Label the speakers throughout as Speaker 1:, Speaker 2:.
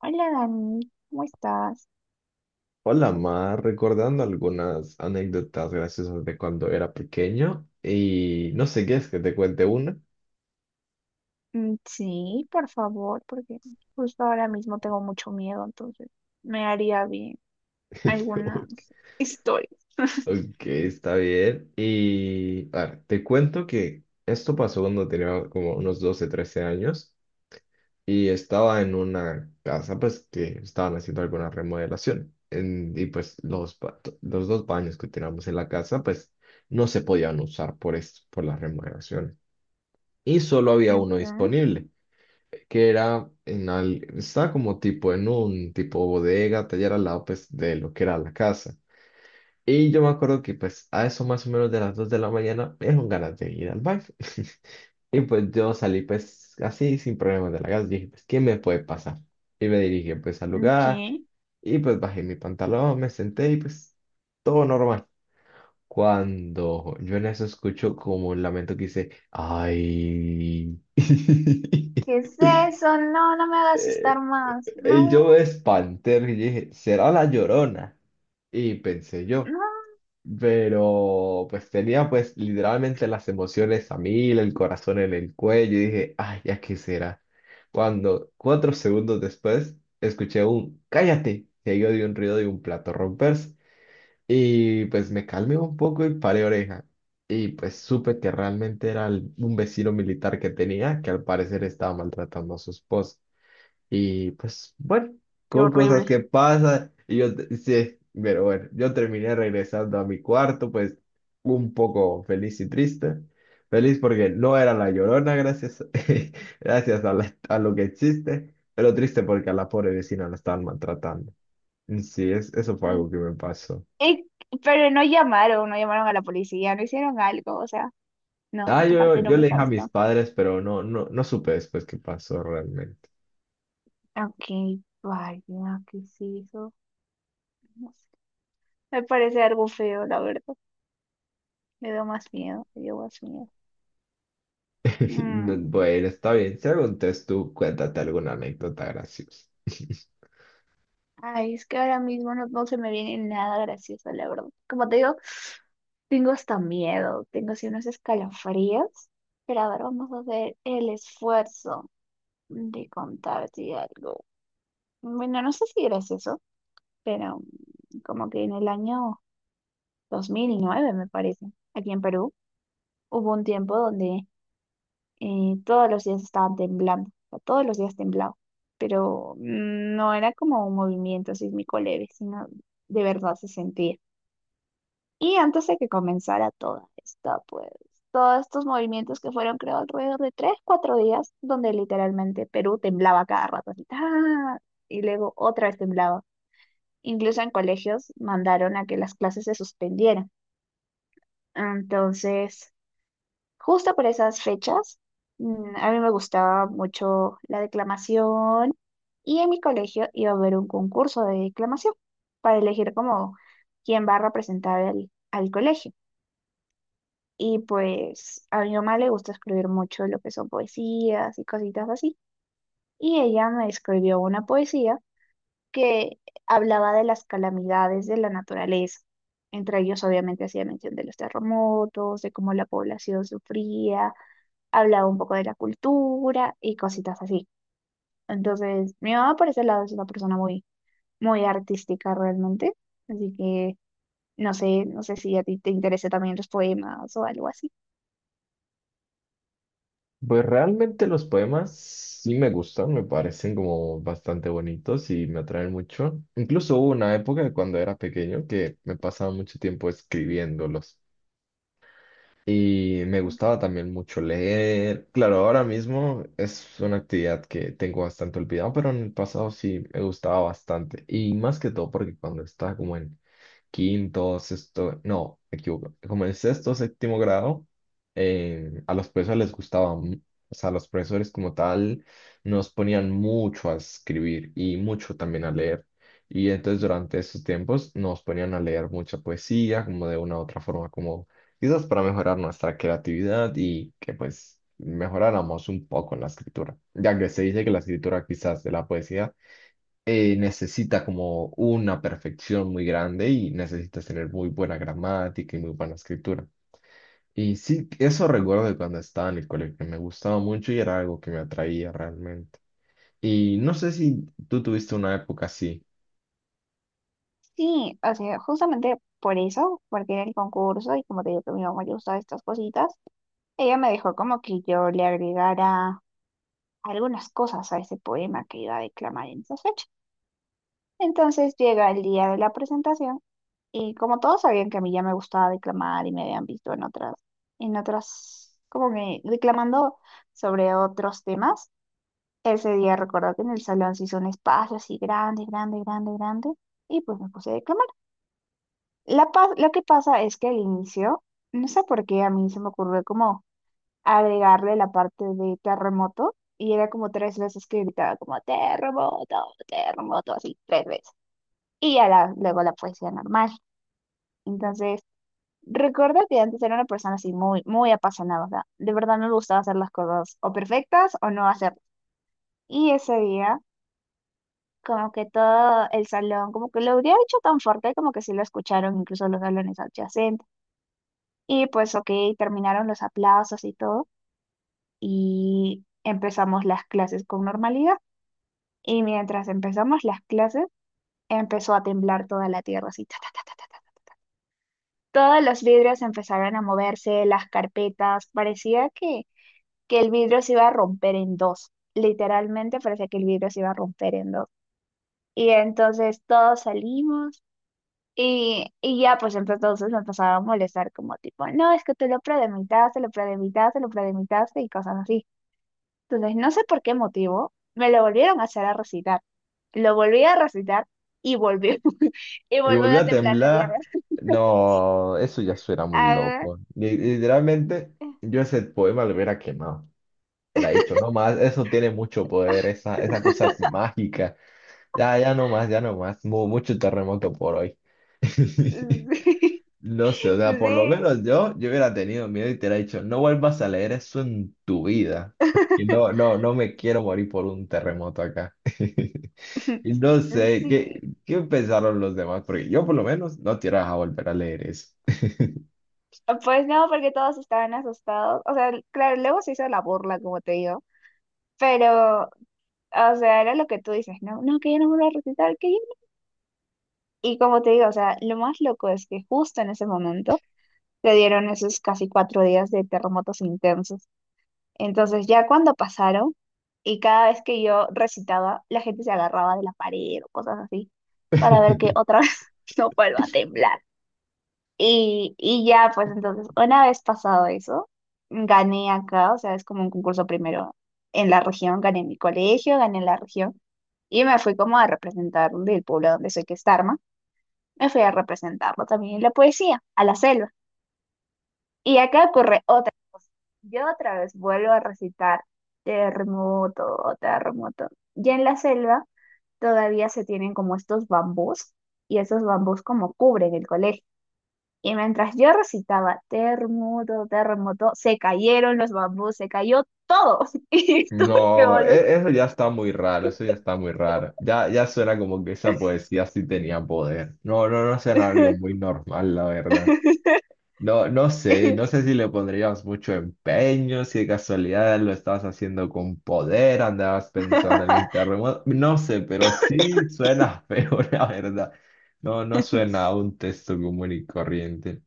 Speaker 1: Hola Dani, ¿cómo estás?
Speaker 2: Hola, Mar, recordando algunas anécdotas graciosas de cuando era pequeño y no sé qué es que te cuente una.
Speaker 1: Mm, sí, por favor, porque justo ahora mismo tengo mucho miedo, entonces me haría bien algunas
Speaker 2: Ok,
Speaker 1: historias.
Speaker 2: ok, está bien. Y a ver, te cuento que esto pasó cuando tenía como unos 12, 13 años y estaba en una casa pues que estaban haciendo alguna remodelación. Y pues los dos baños que teníamos en la casa pues no se podían usar por esto, por la remodelación. Y solo había uno
Speaker 1: Ok,
Speaker 2: disponible, que era en al, estaba como tipo en un tipo bodega, taller al lado pues de lo que era la casa. Y yo me acuerdo que pues a eso más o menos de las 2 de la mañana me dieron ganas de ir al baño. Y pues yo salí pues así sin problemas de la casa. Dije pues, ¿qué me puede pasar? Y me dirigí pues al
Speaker 1: ok.
Speaker 2: lugar, y pues bajé mi pantalón, me senté y pues todo normal. Cuando yo en eso escucho como un lamento que dice, ay.
Speaker 1: ¿Qué es eso? No, no me hagas asustar
Speaker 2: Eh,
Speaker 1: más.
Speaker 2: Y yo me
Speaker 1: No,
Speaker 2: espanté y dije, ¿será la Llorona? Y pensé yo,
Speaker 1: no.
Speaker 2: pero pues tenía pues literalmente las emociones a mil, el corazón en el cuello y dije, ay, ¿ya qué será? Cuando 4 segundos después escuché un cállate, seguido de un ruido de un plato romperse, y pues me calmé un poco y paré oreja, y pues supe que realmente era un vecino militar que tenía que al parecer estaba maltratando a su esposa. Y pues, bueno,
Speaker 1: Qué
Speaker 2: con cosas
Speaker 1: horrible.
Speaker 2: que pasan. Y yo, sí, pero bueno, yo terminé regresando a mi cuarto, pues un poco feliz y triste. Feliz porque no era la Llorona, gracias, gracias a, a lo que existe, pero triste porque a la pobre vecina la estaban maltratando. Y sí, eso fue
Speaker 1: Sí.
Speaker 2: algo que me pasó.
Speaker 1: Eh, pero no llamaron a la policía, no hicieron algo, o sea, no,
Speaker 2: Ah,
Speaker 1: esa parte no
Speaker 2: yo
Speaker 1: me
Speaker 2: le
Speaker 1: está
Speaker 2: dije a mis
Speaker 1: gustando.
Speaker 2: padres, pero no, no, no supe después qué pasó realmente.
Speaker 1: Ok, vaya, ¿qué es eso? No sé. Me parece algo feo, la verdad. Me dio más miedo, me dio más miedo.
Speaker 2: No,
Speaker 1: Mm.
Speaker 2: bueno, está bien. Si algún test tú, cuéntate alguna anécdota graciosa.
Speaker 1: Ay, es que ahora mismo no, no se me viene nada gracioso, la verdad. Como te digo, tengo hasta miedo, tengo así unos escalofríos. Pero a ver, vamos a hacer el esfuerzo de contarte algo. Bueno, no sé si gracioso, pero como que en el año 2009 me parece, aquí en Perú, hubo un tiempo donde todos los días estaban temblando, o sea, todos los días temblaba, pero no era como un movimiento sísmico leve, sino de verdad se sentía. Y antes de que comenzara toda esta, pues, todos estos movimientos que fueron, creo, alrededor de 3, 4 días, donde literalmente Perú temblaba cada rato, así, ¡ah! Y luego otra vez temblaba. Incluso en colegios mandaron a que las clases se suspendieran. Entonces, justo por esas fechas, mm, a mí me gustaba mucho la declamación, y en mi colegio iba a haber un concurso de declamación para elegir como quién va a representar al, al colegio. Y pues a mi mamá le gusta escribir mucho lo que son poesías y cositas así. Y ella me escribió una poesía que hablaba de las calamidades de la naturaleza. Entre ellos obviamente hacía mención de los terremotos, de cómo la población sufría, hablaba un poco de la cultura y cositas así. Entonces, mi mamá por ese lado es una persona muy, muy artística realmente. Así que no sé, no sé si a ti te interesa también los poemas o algo así.
Speaker 2: Pues realmente los poemas sí me gustan, me parecen como bastante bonitos y me atraen mucho. Incluso hubo una época cuando era pequeño que me pasaba mucho tiempo escribiéndolos, y me gustaba también mucho leer. Claro, ahora mismo es una actividad que tengo bastante olvidada, pero en el pasado sí me gustaba bastante, y más que todo porque cuando estaba como en quinto, sexto, no, me equivoco, como en sexto, séptimo grado, a los profesores les gustaba, o sea, los profesores como tal nos ponían mucho a escribir y mucho también a leer. Y entonces durante esos tiempos nos ponían a leer mucha poesía, como de una u otra forma, como quizás para mejorar nuestra creatividad y que pues mejoráramos un poco en la escritura, ya que se dice que la escritura quizás de la poesía necesita como una perfección muy grande y necesitas tener muy buena gramática y muy buena escritura. Y sí, eso recuerdo de cuando estaba en el colegio, que me gustaba mucho y era algo que me atraía realmente. Y no sé si tú tuviste una época así.
Speaker 1: Sí, o sea, justamente por eso, porque era el concurso y como te digo que a mi mamá le gustaban estas cositas, ella me dejó como que yo le agregara algunas cosas a ese poema que iba a declamar en esa fecha. Entonces llega el día de la presentación, y como todos sabían que a mí ya me gustaba declamar y me habían visto en otras, como que declamando sobre otros temas, ese día recuerdo que en el salón se hizo un espacio así grande, grande, grande, grande, y pues me puse a declamar. Lo que pasa es que al inicio, no sé por qué a mí se me ocurrió como agregarle la parte de terremoto, y era como 3 veces que gritaba como terremoto, terremoto, así 3 veces. Y ya la, luego la poesía normal. Entonces, recuerdo que antes era una persona así muy, muy apasionada, o sea, de verdad no me gustaba hacer las cosas o perfectas o no hacerlas. Y ese día, como que todo el salón, como que lo habría hecho tan fuerte como que sí lo escucharon incluso los salones adyacentes. Y pues, ok, terminaron los aplausos y todo, y empezamos las clases con normalidad. Y mientras empezamos las clases, empezó a temblar toda la tierra, así, ta, ta, ta, ta, ta, ta. Todos los vidrios empezaron a moverse, las carpetas, parecía que el vidrio se iba a romper en dos. Literalmente parecía que el vidrio se iba a romper en dos. Y entonces todos salimos, y ya pues entonces me empezaba a molestar como tipo, no, es que tú lo predemitaste, lo predemitaste, lo predemitaste y cosas así. Entonces no sé por qué motivo me lo volvieron a hacer a recitar. Lo volví a recitar y volvió y
Speaker 2: Y
Speaker 1: volvió
Speaker 2: volví
Speaker 1: a
Speaker 2: a
Speaker 1: temblar la tierra.
Speaker 2: temblar. No, eso ya suena muy
Speaker 1: Ah,
Speaker 2: loco. Literalmente, yo ese poema lo hubiera quemado. Era dicho, no más, eso tiene mucho poder, esa cosa es mágica. Ya, ya no más, ya no más. Mucho terremoto por hoy.
Speaker 1: sí,
Speaker 2: No sé, o sea, por lo
Speaker 1: sí.
Speaker 2: menos yo hubiera tenido miedo y te hubiera dicho, no vuelvas a leer eso en tu vida. Que no, no, no me quiero morir por un terremoto acá. Y no sé, ¿qué,
Speaker 1: Sí,
Speaker 2: qué pensaron los demás? Porque yo por lo menos no te ibas a volver a leer eso.
Speaker 1: pues no, porque todos estaban asustados. O sea, claro, luego se hizo la burla, como te digo. Pero, o sea, era lo que tú dices, no, no, que yo no voy a recitar, que yo no. Y como te digo, o sea, lo más loco es que justo en ese momento le dieron esos casi 4 días de terremotos intensos. Entonces, ya cuando pasaron, y cada vez que yo recitaba, la gente se agarraba de la pared o cosas así, para ver que otra vez no vuelva a temblar. Y ya, pues entonces, una vez pasado eso, gané acá, o sea, es como un concurso primero en la región, gané en mi colegio, gané en la región, y me fui como a representar del pueblo donde soy, que es Tarma, me fui a representarlo también en la poesía, a la selva. Y acá ocurre otra, yo otra vez vuelvo a recitar terremoto, terremoto. Ya en la selva todavía se tienen como estos bambús, y esos bambús como cubren el colegio. Y mientras yo recitaba terremoto, terremoto, se cayeron los bambús, se cayó todo. Y tuve que
Speaker 2: No,
Speaker 1: volver.
Speaker 2: eso ya está muy raro, eso ya está muy raro. Ya, ya suena como que esa poesía sí tenía poder. No, no, no suena algo muy normal, la verdad. No, no sé, no sé si le pondrías mucho empeño, si de casualidad lo estabas haciendo con poder, andabas pensando en el terremoto, no sé, pero sí suena feo, la verdad. No, no suena a un texto común y corriente.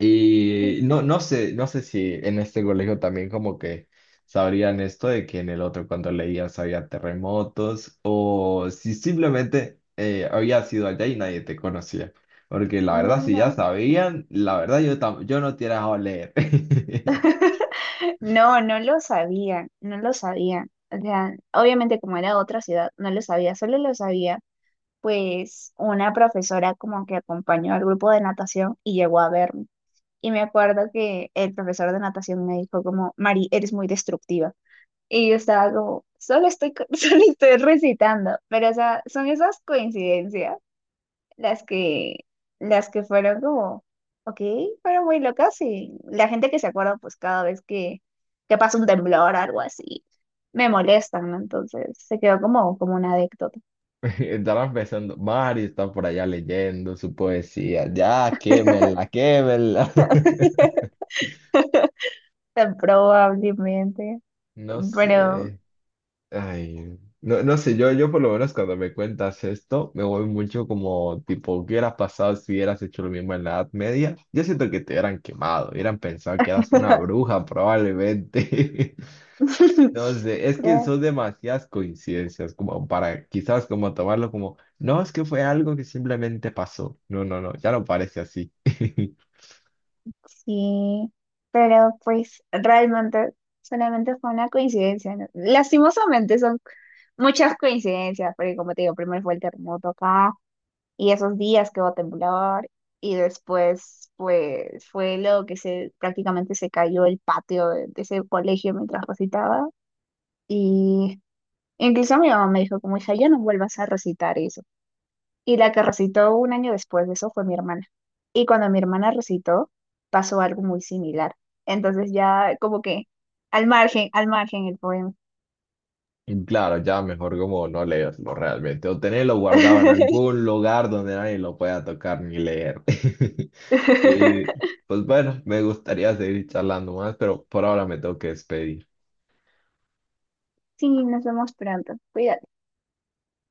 Speaker 2: Y no, no sé, no sé si en este colegio también como que sabrían esto de que en el otro cuando leías había terremotos, o si simplemente habías ido allá y nadie te conocía. Porque la
Speaker 1: No,
Speaker 2: verdad, si ya
Speaker 1: no.
Speaker 2: sabían, la verdad yo, yo no te hubiera dejado leer.
Speaker 1: No, no lo sabían, no lo sabían. O sea, obviamente como era otra ciudad, no lo sabía, solo lo sabía pues una profesora como que acompañó al grupo de natación y llegó a verme. Y me acuerdo que el profesor de natación me dijo como, Mari, eres muy destructiva. Y yo estaba como, solo estoy, solo estoy recitando. Pero, o sea, son esas coincidencias las que, las que fueron como, ok, fueron muy locas, y la gente que se acuerda, pues cada vez que pasa un temblor o algo así, me molestan, ¿no? Entonces se quedó como, como una anécdota.
Speaker 2: Estarán pensando, Mario está por allá leyendo su poesía. Ya, quémela, quémela.
Speaker 1: Probablemente,
Speaker 2: No
Speaker 1: pero...
Speaker 2: sé. Ay, no, no sé, yo por lo menos cuando me cuentas esto, me voy mucho como tipo, ¿qué hubieras pasado si hubieras hecho lo mismo en la Edad Media? Yo siento que te hubieran quemado, hubieran pensado que eras una bruja probablemente. No sé, es que
Speaker 1: pero
Speaker 2: son demasiadas coincidencias como para quizás como tomarlo como, no, es que fue algo que simplemente pasó. No, no, no, ya no parece así.
Speaker 1: sí, pero pues realmente solamente fue una coincidencia, ¿no? Lastimosamente son muchas coincidencias, porque como te digo, primero fue el terremoto acá y esos días que hubo temblar, y después pues fue lo que se prácticamente se cayó el patio de ese colegio mientras recitaba, y incluso mi mamá me dijo como hija, ya no vuelvas a recitar, y la que recitó un año después de eso fue mi hermana. Y cuando mi hermana recitó, pasó algo muy similar. Entonces ya como que al margen el poema.
Speaker 2: Y claro, ya mejor como no leerlo realmente o tenerlo guardado en algún lugar donde nadie lo pueda tocar ni leer. Y pues bueno, me gustaría seguir charlando más, pero por ahora me tengo que despedir.
Speaker 1: Sí, nos vemos pronto. Cuídate.